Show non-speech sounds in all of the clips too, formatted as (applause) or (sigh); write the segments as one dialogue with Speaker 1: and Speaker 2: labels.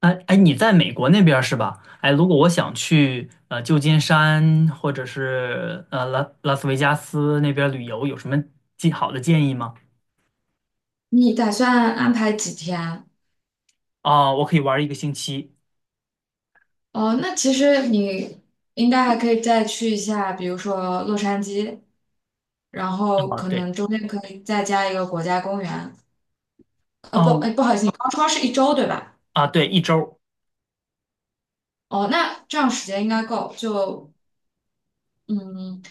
Speaker 1: 哎哎，你在美国那边儿是吧？哎，如果我想去旧金山或者是拉斯维加斯那边儿旅游，有什么建好的建议吗？
Speaker 2: 你打算安排几天啊？
Speaker 1: 我可以玩儿一个星期。
Speaker 2: 哦，那其实你应该还可以再去一下，比如说洛杉矶，然后
Speaker 1: 啊，
Speaker 2: 可
Speaker 1: 对。
Speaker 2: 能中间可以再加一个国家公园。不，哎，
Speaker 1: 哦
Speaker 2: 不好意思，你刚说是1周对吧？
Speaker 1: 对，一周。
Speaker 2: 哦，那这样时间应该够。就嗯，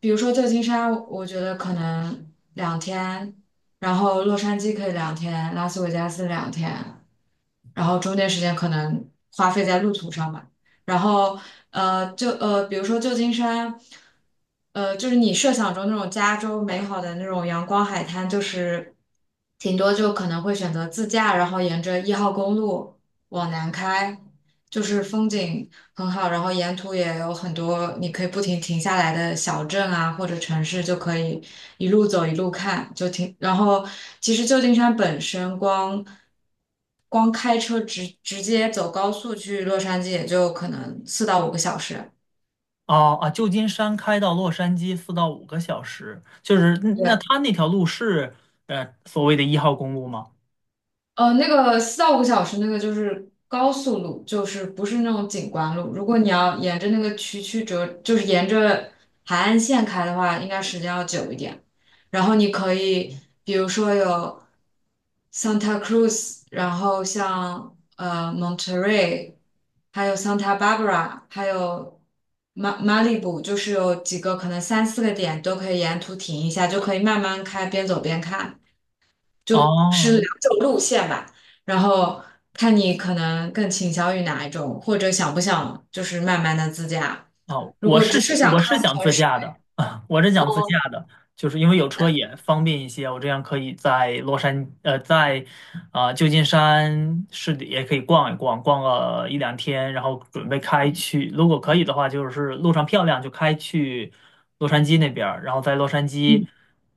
Speaker 2: 比如说旧金山，我觉得可能两天，然后洛杉矶可以两天，拉斯维加斯两天。然后中间时间可能花费在路途上吧。然后就比如说旧金山，就是你设想中那种加州美好的那种阳光海滩，就是挺多就可能会选择自驾，然后沿着1号公路往南开，就是风景很好，然后沿途也有很多你可以不停停下来的小镇啊，或者城市，就可以一路走一路看，就停。然后其实旧金山本身光开车直接走高速去洛杉矶，也就可能四到五个小时。
Speaker 1: 哦，啊，旧金山开到洛杉矶四到五个小时，就是那
Speaker 2: 对。
Speaker 1: 他那条路是呃所谓的一号公路吗？
Speaker 2: 那个四到五个小时，那个就是高速路，就是不是那种景观路。如果你要沿着那个曲曲折，就是沿着海岸线开的话，应该时间要久一点。然后你可以，比如说有 Santa Cruz，然后像Monterey，还有 Santa Barbara，还有马里布，就是有几个可能三四个点都可以沿途停一下，就可以慢慢开，边走边看。就是
Speaker 1: 哦，
Speaker 2: 两种路线吧，然后看你可能更倾向于哪一种，或者想不想就是慢慢的自驾。
Speaker 1: 啊，
Speaker 2: 如果只是想
Speaker 1: 我是
Speaker 2: 看
Speaker 1: 想
Speaker 2: 城
Speaker 1: 自
Speaker 2: 市，
Speaker 1: 驾的啊，(laughs) 我是想自驾的，就是因为有车也方便一些，我这样可以在洛杉呃在旧金山市里也可以逛一逛，逛个一两天，然后准备开去，如果可以的话，就是路上漂亮就开去洛杉矶那边儿，然后在洛杉矶
Speaker 2: 嗯，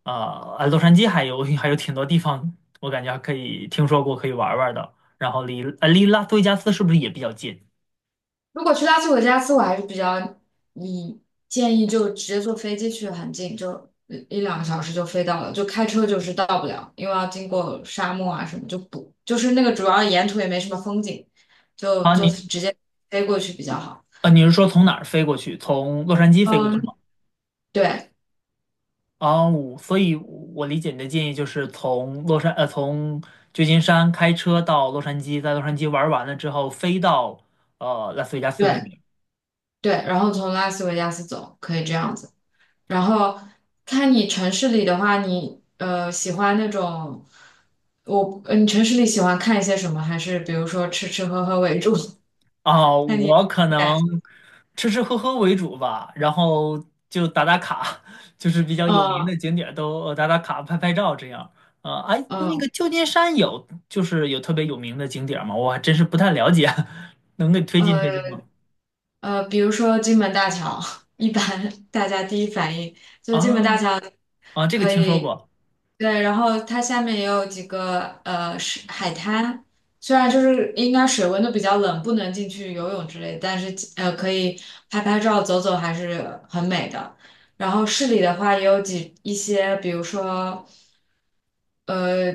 Speaker 1: 洛杉矶还有 (laughs) 还有挺多地方，我感觉还可以听说过可以玩儿玩儿的，然后离拉斯维加斯是不是也比较近？
Speaker 2: 如果去拉斯维加斯，我还是比较你建议就直接坐飞机去，很近，就一两个小时就飞到了，就开车就是到不了，因为要经过沙漠啊什么，就不就是那个主要沿途也没什么风景，就
Speaker 1: 啊，
Speaker 2: 坐
Speaker 1: 你
Speaker 2: 直接飞过去比较好。
Speaker 1: 啊，你是说从哪儿飞过去？从洛杉矶飞过
Speaker 2: 嗯，
Speaker 1: 去吗？
Speaker 2: 对
Speaker 1: 啊，我所以我，理解你的建议就是从洛杉，呃，从旧金山开车到洛杉矶，在洛杉矶玩完了之后，飞到呃拉斯维加斯那
Speaker 2: 对。
Speaker 1: 边。
Speaker 2: 对，然后从拉斯维加斯走，可以这样子。然后看你城市里的话，你喜欢那种，你城市里喜欢看一些什么？还是比如说吃吃喝喝为主？
Speaker 1: 啊，
Speaker 2: (laughs) 看你
Speaker 1: 我可能
Speaker 2: 感，
Speaker 1: 吃吃喝喝为主吧，然后就打打卡，(laughs) 就是比较有名
Speaker 2: 嗯
Speaker 1: 的景点儿都打打卡、拍拍照这样。啊，哎，那个
Speaker 2: 嗯
Speaker 1: 旧金山有就是有特别有名的景点儿吗？我还真是不太了解，(laughs) 能给推荐
Speaker 2: 呃，
Speaker 1: 推荐吗？
Speaker 2: 呃，比如说金门大桥，(laughs) 一般大家第一反应就金门大
Speaker 1: 啊。
Speaker 2: 桥
Speaker 1: 啊，这个
Speaker 2: 可
Speaker 1: 听说
Speaker 2: 以，
Speaker 1: 过。
Speaker 2: 对，然后它下面也有几个是海滩，虽然就是应该水温都比较冷，不能进去游泳之类，但是可以拍拍照、走走还是很美的。然后市里的话也有一些，比如说。呃，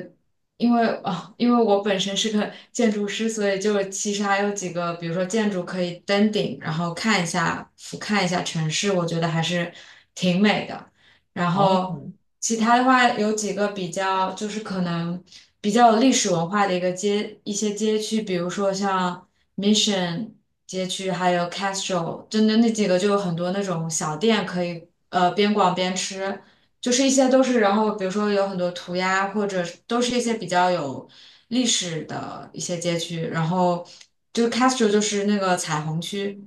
Speaker 2: 因为我本身是个建筑师，所以就其实还有几个，比如说建筑可以登顶，然后看一下俯瞰一下城市，我觉得还是挺美的。然
Speaker 1: 哦，
Speaker 2: 后其他的话，有几个比较就是可能比较有历史文化的一些街区，比如说像 Mission 街区，还有 Castro，真的那几个就有很多那种小店可以边逛边吃。就是一些都是，然后比如说有很多涂鸦，或者是都是一些比较有历史的一些街区，然后就是 Castro 就是那个彩虹区，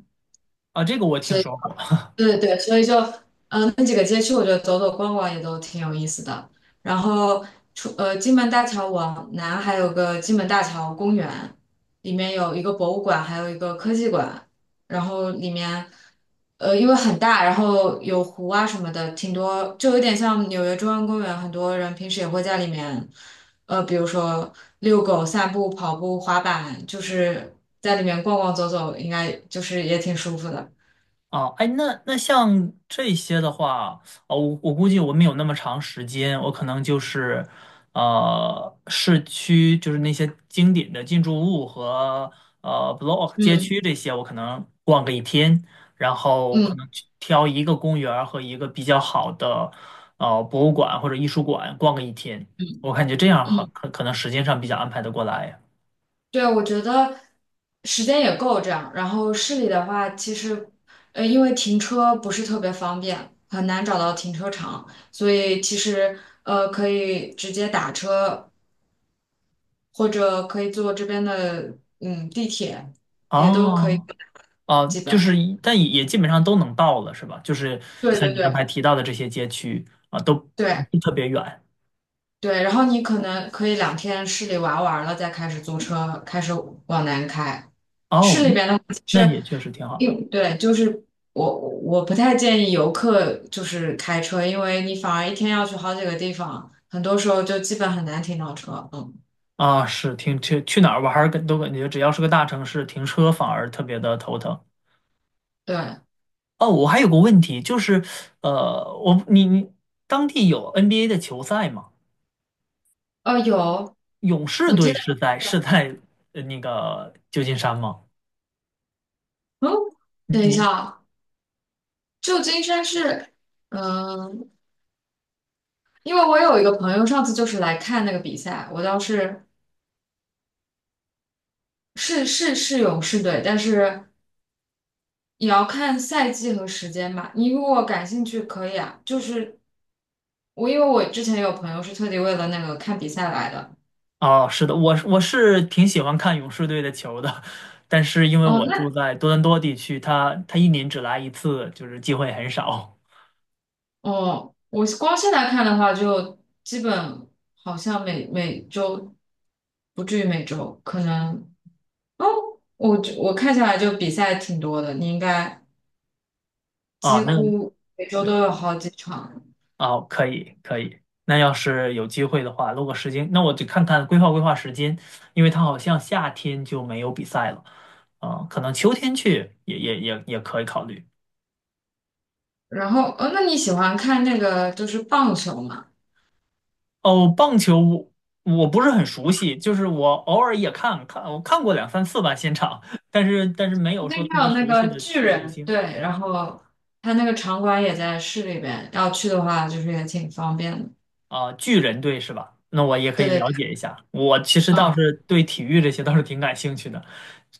Speaker 1: 啊，这个我
Speaker 2: 所
Speaker 1: 听
Speaker 2: 以
Speaker 1: 说过。
Speaker 2: 对对对，所以就那几个街区，我觉得走走逛逛也都挺有意思的。然后金门大桥往南还有个金门大桥公园，里面有一个博物馆，还有一个科技馆。然后里面因为很大，然后有湖啊什么的，挺多，就有点像纽约中央公园。很多人平时也会在里面，比如说遛狗、散步、跑步、滑板，就是在里面逛逛走走，应该就是也挺舒服的。
Speaker 1: 啊，哎，那那像这些的话，哦，我估计我没有那么长时间，我可能就是，呃，市区就是那些经典的建筑物和呃 block 街
Speaker 2: 嗯
Speaker 1: 区这些，我可能逛个一天，然后可能
Speaker 2: 嗯
Speaker 1: 去挑一个公园儿和一个比较好的呃博物馆或者艺术馆逛个一天，
Speaker 2: 嗯。
Speaker 1: 我感觉这样
Speaker 2: 嗯。
Speaker 1: 可能时间上比较安排得过来。
Speaker 2: 对，我觉得时间也够这样。然后市里的话，其实因为停车不是特别方便，很难找到停车场，所以其实可以直接打车，或者可以坐这边的地铁，
Speaker 1: 哦，啊，
Speaker 2: 基
Speaker 1: 就
Speaker 2: 本。
Speaker 1: 是但也也基本上都能到了，是吧？就是
Speaker 2: 对
Speaker 1: 像
Speaker 2: 对
Speaker 1: 你刚才
Speaker 2: 对
Speaker 1: 提到的这些街区啊，都不
Speaker 2: 对
Speaker 1: 是特别远。
Speaker 2: 对。然后你可能可以两天市里玩完了，再开始租车，开始往南开。
Speaker 1: 哦，
Speaker 2: 市里
Speaker 1: 嗯，
Speaker 2: 边的话，其
Speaker 1: 那
Speaker 2: 实
Speaker 1: 也确实挺好
Speaker 2: 因对，就是我不太建议游客就是开车，因为你反而一天要去好几个地方，很多时候就基本很难停到车。嗯，
Speaker 1: 啊。是，去去哪儿玩儿，都感觉只要是个大城市，停车反而特别的头疼。
Speaker 2: 对，
Speaker 1: 哦，我还有个问题，就是呃，你当地有 NBA 的球赛吗？
Speaker 2: 有，
Speaker 1: 勇士
Speaker 2: 我记
Speaker 1: 队
Speaker 2: 得，
Speaker 1: 是在呃那个旧金山吗？
Speaker 2: 嗯，
Speaker 1: 你
Speaker 2: 等一
Speaker 1: 你
Speaker 2: 下啊，旧金山是，嗯，因为我有一个朋友上次就是来看那个比赛，我倒是是勇士队，但是也要看赛季和时间吧。你如果感兴趣可以啊，就是因为我之前有朋友是特地为了那个看比赛来的。
Speaker 1: 哦，是的，我是挺喜欢看勇士队的球的，(laughs) 但是因为
Speaker 2: 哦，
Speaker 1: 我住
Speaker 2: 那
Speaker 1: 在多伦多地区，他一年只来一次，就是机会很少
Speaker 2: 哦，我光现在看的话，就基本好像每周不至于每周，可能哦，我看下来就比赛挺多的，你应该
Speaker 1: 啊。
Speaker 2: 几
Speaker 1: 那，
Speaker 2: 乎每周都
Speaker 1: 对，
Speaker 2: 有好几场。
Speaker 1: 哦，可以可以。那要是有机会的话，如果时间，那我就看看规划规划时间，因为他好像夏天就没有比赛了，啊，可能秋天去也可以考虑。
Speaker 2: 然后，那你喜欢看那个就是棒球吗？
Speaker 1: 哦，棒球我不是很熟悉，就是我偶尔也看看，我看过两三次吧现场，(laughs) 但是没有
Speaker 2: 最
Speaker 1: 说
Speaker 2: 近
Speaker 1: 特别
Speaker 2: 有那
Speaker 1: 熟悉
Speaker 2: 个
Speaker 1: 的
Speaker 2: 巨
Speaker 1: 球
Speaker 2: 人
Speaker 1: 星。
Speaker 2: 队，然后他那个场馆也在市里边，要去的话就是也挺方便的。
Speaker 1: 啊，巨人队是吧？那我也可
Speaker 2: 对
Speaker 1: 以
Speaker 2: 对
Speaker 1: 了
Speaker 2: 对，
Speaker 1: 解一下。我其实倒
Speaker 2: 啊。
Speaker 1: 是对体育这些倒是挺感兴趣的，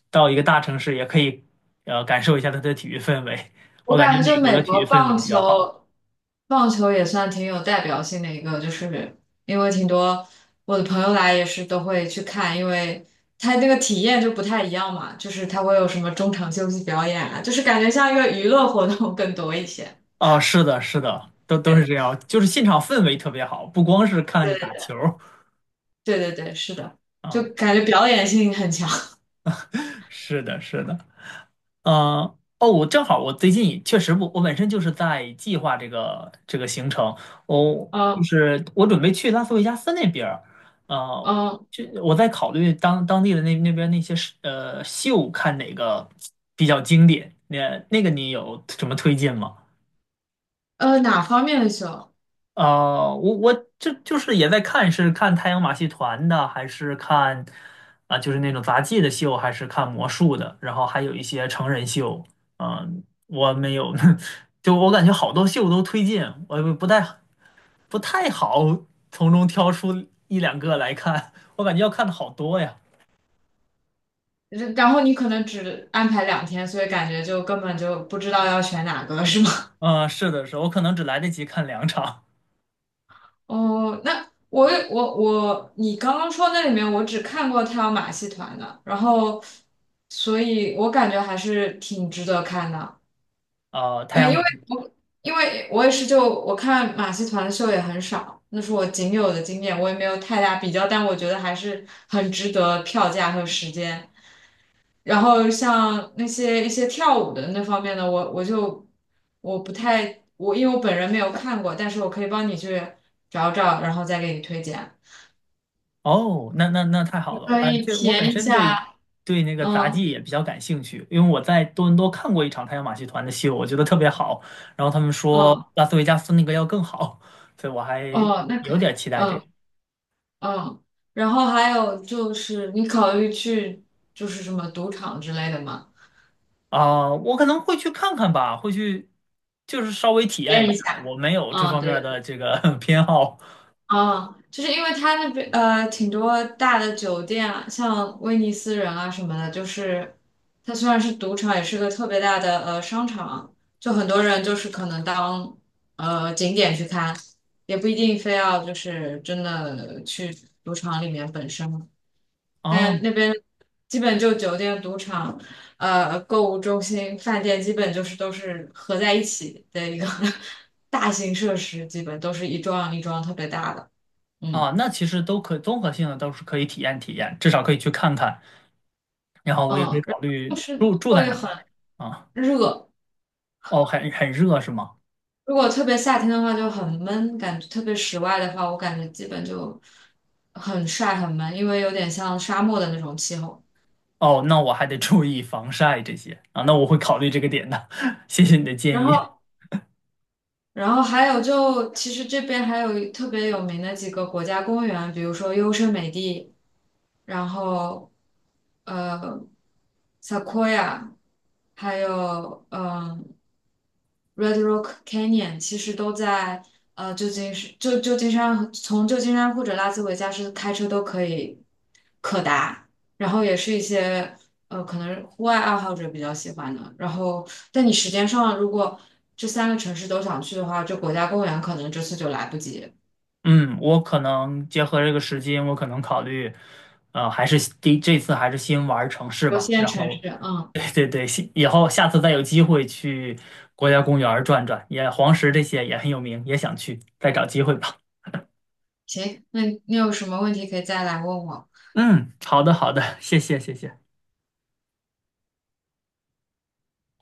Speaker 1: 到一个大城市也可以呃感受一下它的体育氛围。
Speaker 2: 我
Speaker 1: 我感觉
Speaker 2: 感觉
Speaker 1: 美
Speaker 2: 就
Speaker 1: 国
Speaker 2: 美
Speaker 1: 的体育
Speaker 2: 国
Speaker 1: 氛围
Speaker 2: 棒
Speaker 1: 比较好。
Speaker 2: 球，棒球也算挺有代表性的一个，就是因为挺多我的朋友来也是都会去看，因为他那个体验就不太一样嘛，就是他会有什么中场休息表演啊，就是感觉像一个娱乐活动更多一些。
Speaker 1: 啊，是的，是的，都都是这
Speaker 2: 对
Speaker 1: 样，就是现场氛围特别好，不光是看打
Speaker 2: 对
Speaker 1: 球儿。
Speaker 2: 对对，对，是的，就
Speaker 1: 啊，
Speaker 2: 感觉表演性很强。
Speaker 1: 是的，是的。呃，哦，我正好，我最近也确实不，我本身就是在计划这个行程，就
Speaker 2: 嗯
Speaker 1: 是我准备去拉斯维加斯那边儿，呃，
Speaker 2: 嗯
Speaker 1: 就我在考虑当地的那些是呃秀看哪个比较经典，那个你有什么推荐吗？
Speaker 2: 哪方面的秀？
Speaker 1: 呃，我这就是也在看，是看太阳马戏团的，还是看啊、就是那种杂技的秀，还是看魔术的，然后还有一些成人秀。嗯、我没有，(laughs) 就我感觉好多秀都推荐，我也不太好从中挑出一两个来看，(laughs) 我感觉要看的好多呀。
Speaker 2: 然后你可能只安排两天，所以感觉就根本就不知道要选哪个，是吗？
Speaker 1: (laughs) 嗯、是的，是的，我可能只来得及看两场。
Speaker 2: 哦，那我也我我，你刚刚说那里面，我只看过他有马戏团的，然后，所以我感觉还是挺值得看的。
Speaker 1: 啊，太阳
Speaker 2: 因
Speaker 1: 马
Speaker 2: 为
Speaker 1: 戏。
Speaker 2: 我我也是就我看马戏团的秀也很少，那是我仅有的经验，我也没有太大比较，但我觉得还是很值得票价和时间。然后像那些一些跳舞的那方面的，我就我不太因为我本人没有看过，但是我可以帮你去找找，然后再给你推荐。
Speaker 1: 哦，那那太好了，
Speaker 2: 可
Speaker 1: 哎，
Speaker 2: 以体
Speaker 1: 我本
Speaker 2: 验一
Speaker 1: 身对
Speaker 2: 下，
Speaker 1: 对那个杂
Speaker 2: 嗯
Speaker 1: 技也比较感兴趣，因为我在多伦多看过一场太阳马戏团的秀，我觉得特别好，然后他们说
Speaker 2: 嗯
Speaker 1: 拉斯维加斯那个要更好，所以我还
Speaker 2: 哦，那
Speaker 1: 有
Speaker 2: 可以，
Speaker 1: 点期待这
Speaker 2: 嗯
Speaker 1: 个。
Speaker 2: 嗯，然后还有就是你考虑去就是什么赌场之类的吗？
Speaker 1: 啊，我可能会去看看吧，会去就是稍微
Speaker 2: 体
Speaker 1: 体验一
Speaker 2: 验一
Speaker 1: 下，我
Speaker 2: 下，
Speaker 1: 没有这
Speaker 2: 嗯
Speaker 1: 方面的
Speaker 2: 对，
Speaker 1: 这个 (laughs) 偏好。
Speaker 2: 嗯，就是因为它那边挺多大的酒店啊，像威尼斯人啊什么的，就是它虽然是赌场，也是个特别大的商场，就很多人就是可能当景点去看。也不一定非要就是真的去赌场里面本身。
Speaker 1: 啊
Speaker 2: 但那边基本就酒店、赌场、购物中心、饭店，基本就是都是合在一起的一个 (laughs) 大型设施，基本都是一幢一幢特别大的。嗯
Speaker 1: 啊，那其实都，可综合性的都是可以体验体验，至少可以去看看，然后我也可以
Speaker 2: 嗯，然
Speaker 1: 考
Speaker 2: 后就
Speaker 1: 虑
Speaker 2: 是
Speaker 1: 住住在
Speaker 2: 会
Speaker 1: 哪儿。
Speaker 2: 很
Speaker 1: 啊。
Speaker 2: 热，
Speaker 1: 哦，很热是吗？
Speaker 2: 如果特别夏天的话就很闷，感觉特别室外的话，我感觉基本就很晒很闷，因为有点像沙漠的那种气候。
Speaker 1: 哦，那我还得注意防晒这些啊，那我会考虑这个点的，(laughs) 谢谢你的建
Speaker 2: 然
Speaker 1: 议。
Speaker 2: 后。然后还有就，其实这边还有特别有名的几个国家公园，比如说优胜美地，然后呃 s e q o i a 还有Red Rock Canyon，其实都在旧金山，旧金山从旧金山或者拉斯维加斯开车都可以可达。然后也是一些可能户外爱好者比较喜欢的。然后，但你时间上如果这3个城市都想去的话，这国家公园可能这次就来不及。
Speaker 1: 嗯，我可能结合这个时间，我可能考虑，呃，还是第这次还是先玩城市
Speaker 2: 有
Speaker 1: 吧，
Speaker 2: 限
Speaker 1: 然
Speaker 2: 城
Speaker 1: 后
Speaker 2: 市，嗯，
Speaker 1: (laughs) 对对对，先以后下次再有机会去国家公园儿转转，也黄石这些也很有名，也想去，再找机会吧。
Speaker 2: 行，那你有什么问题可以再来问我。
Speaker 1: 嗯，好的好的，谢谢谢谢。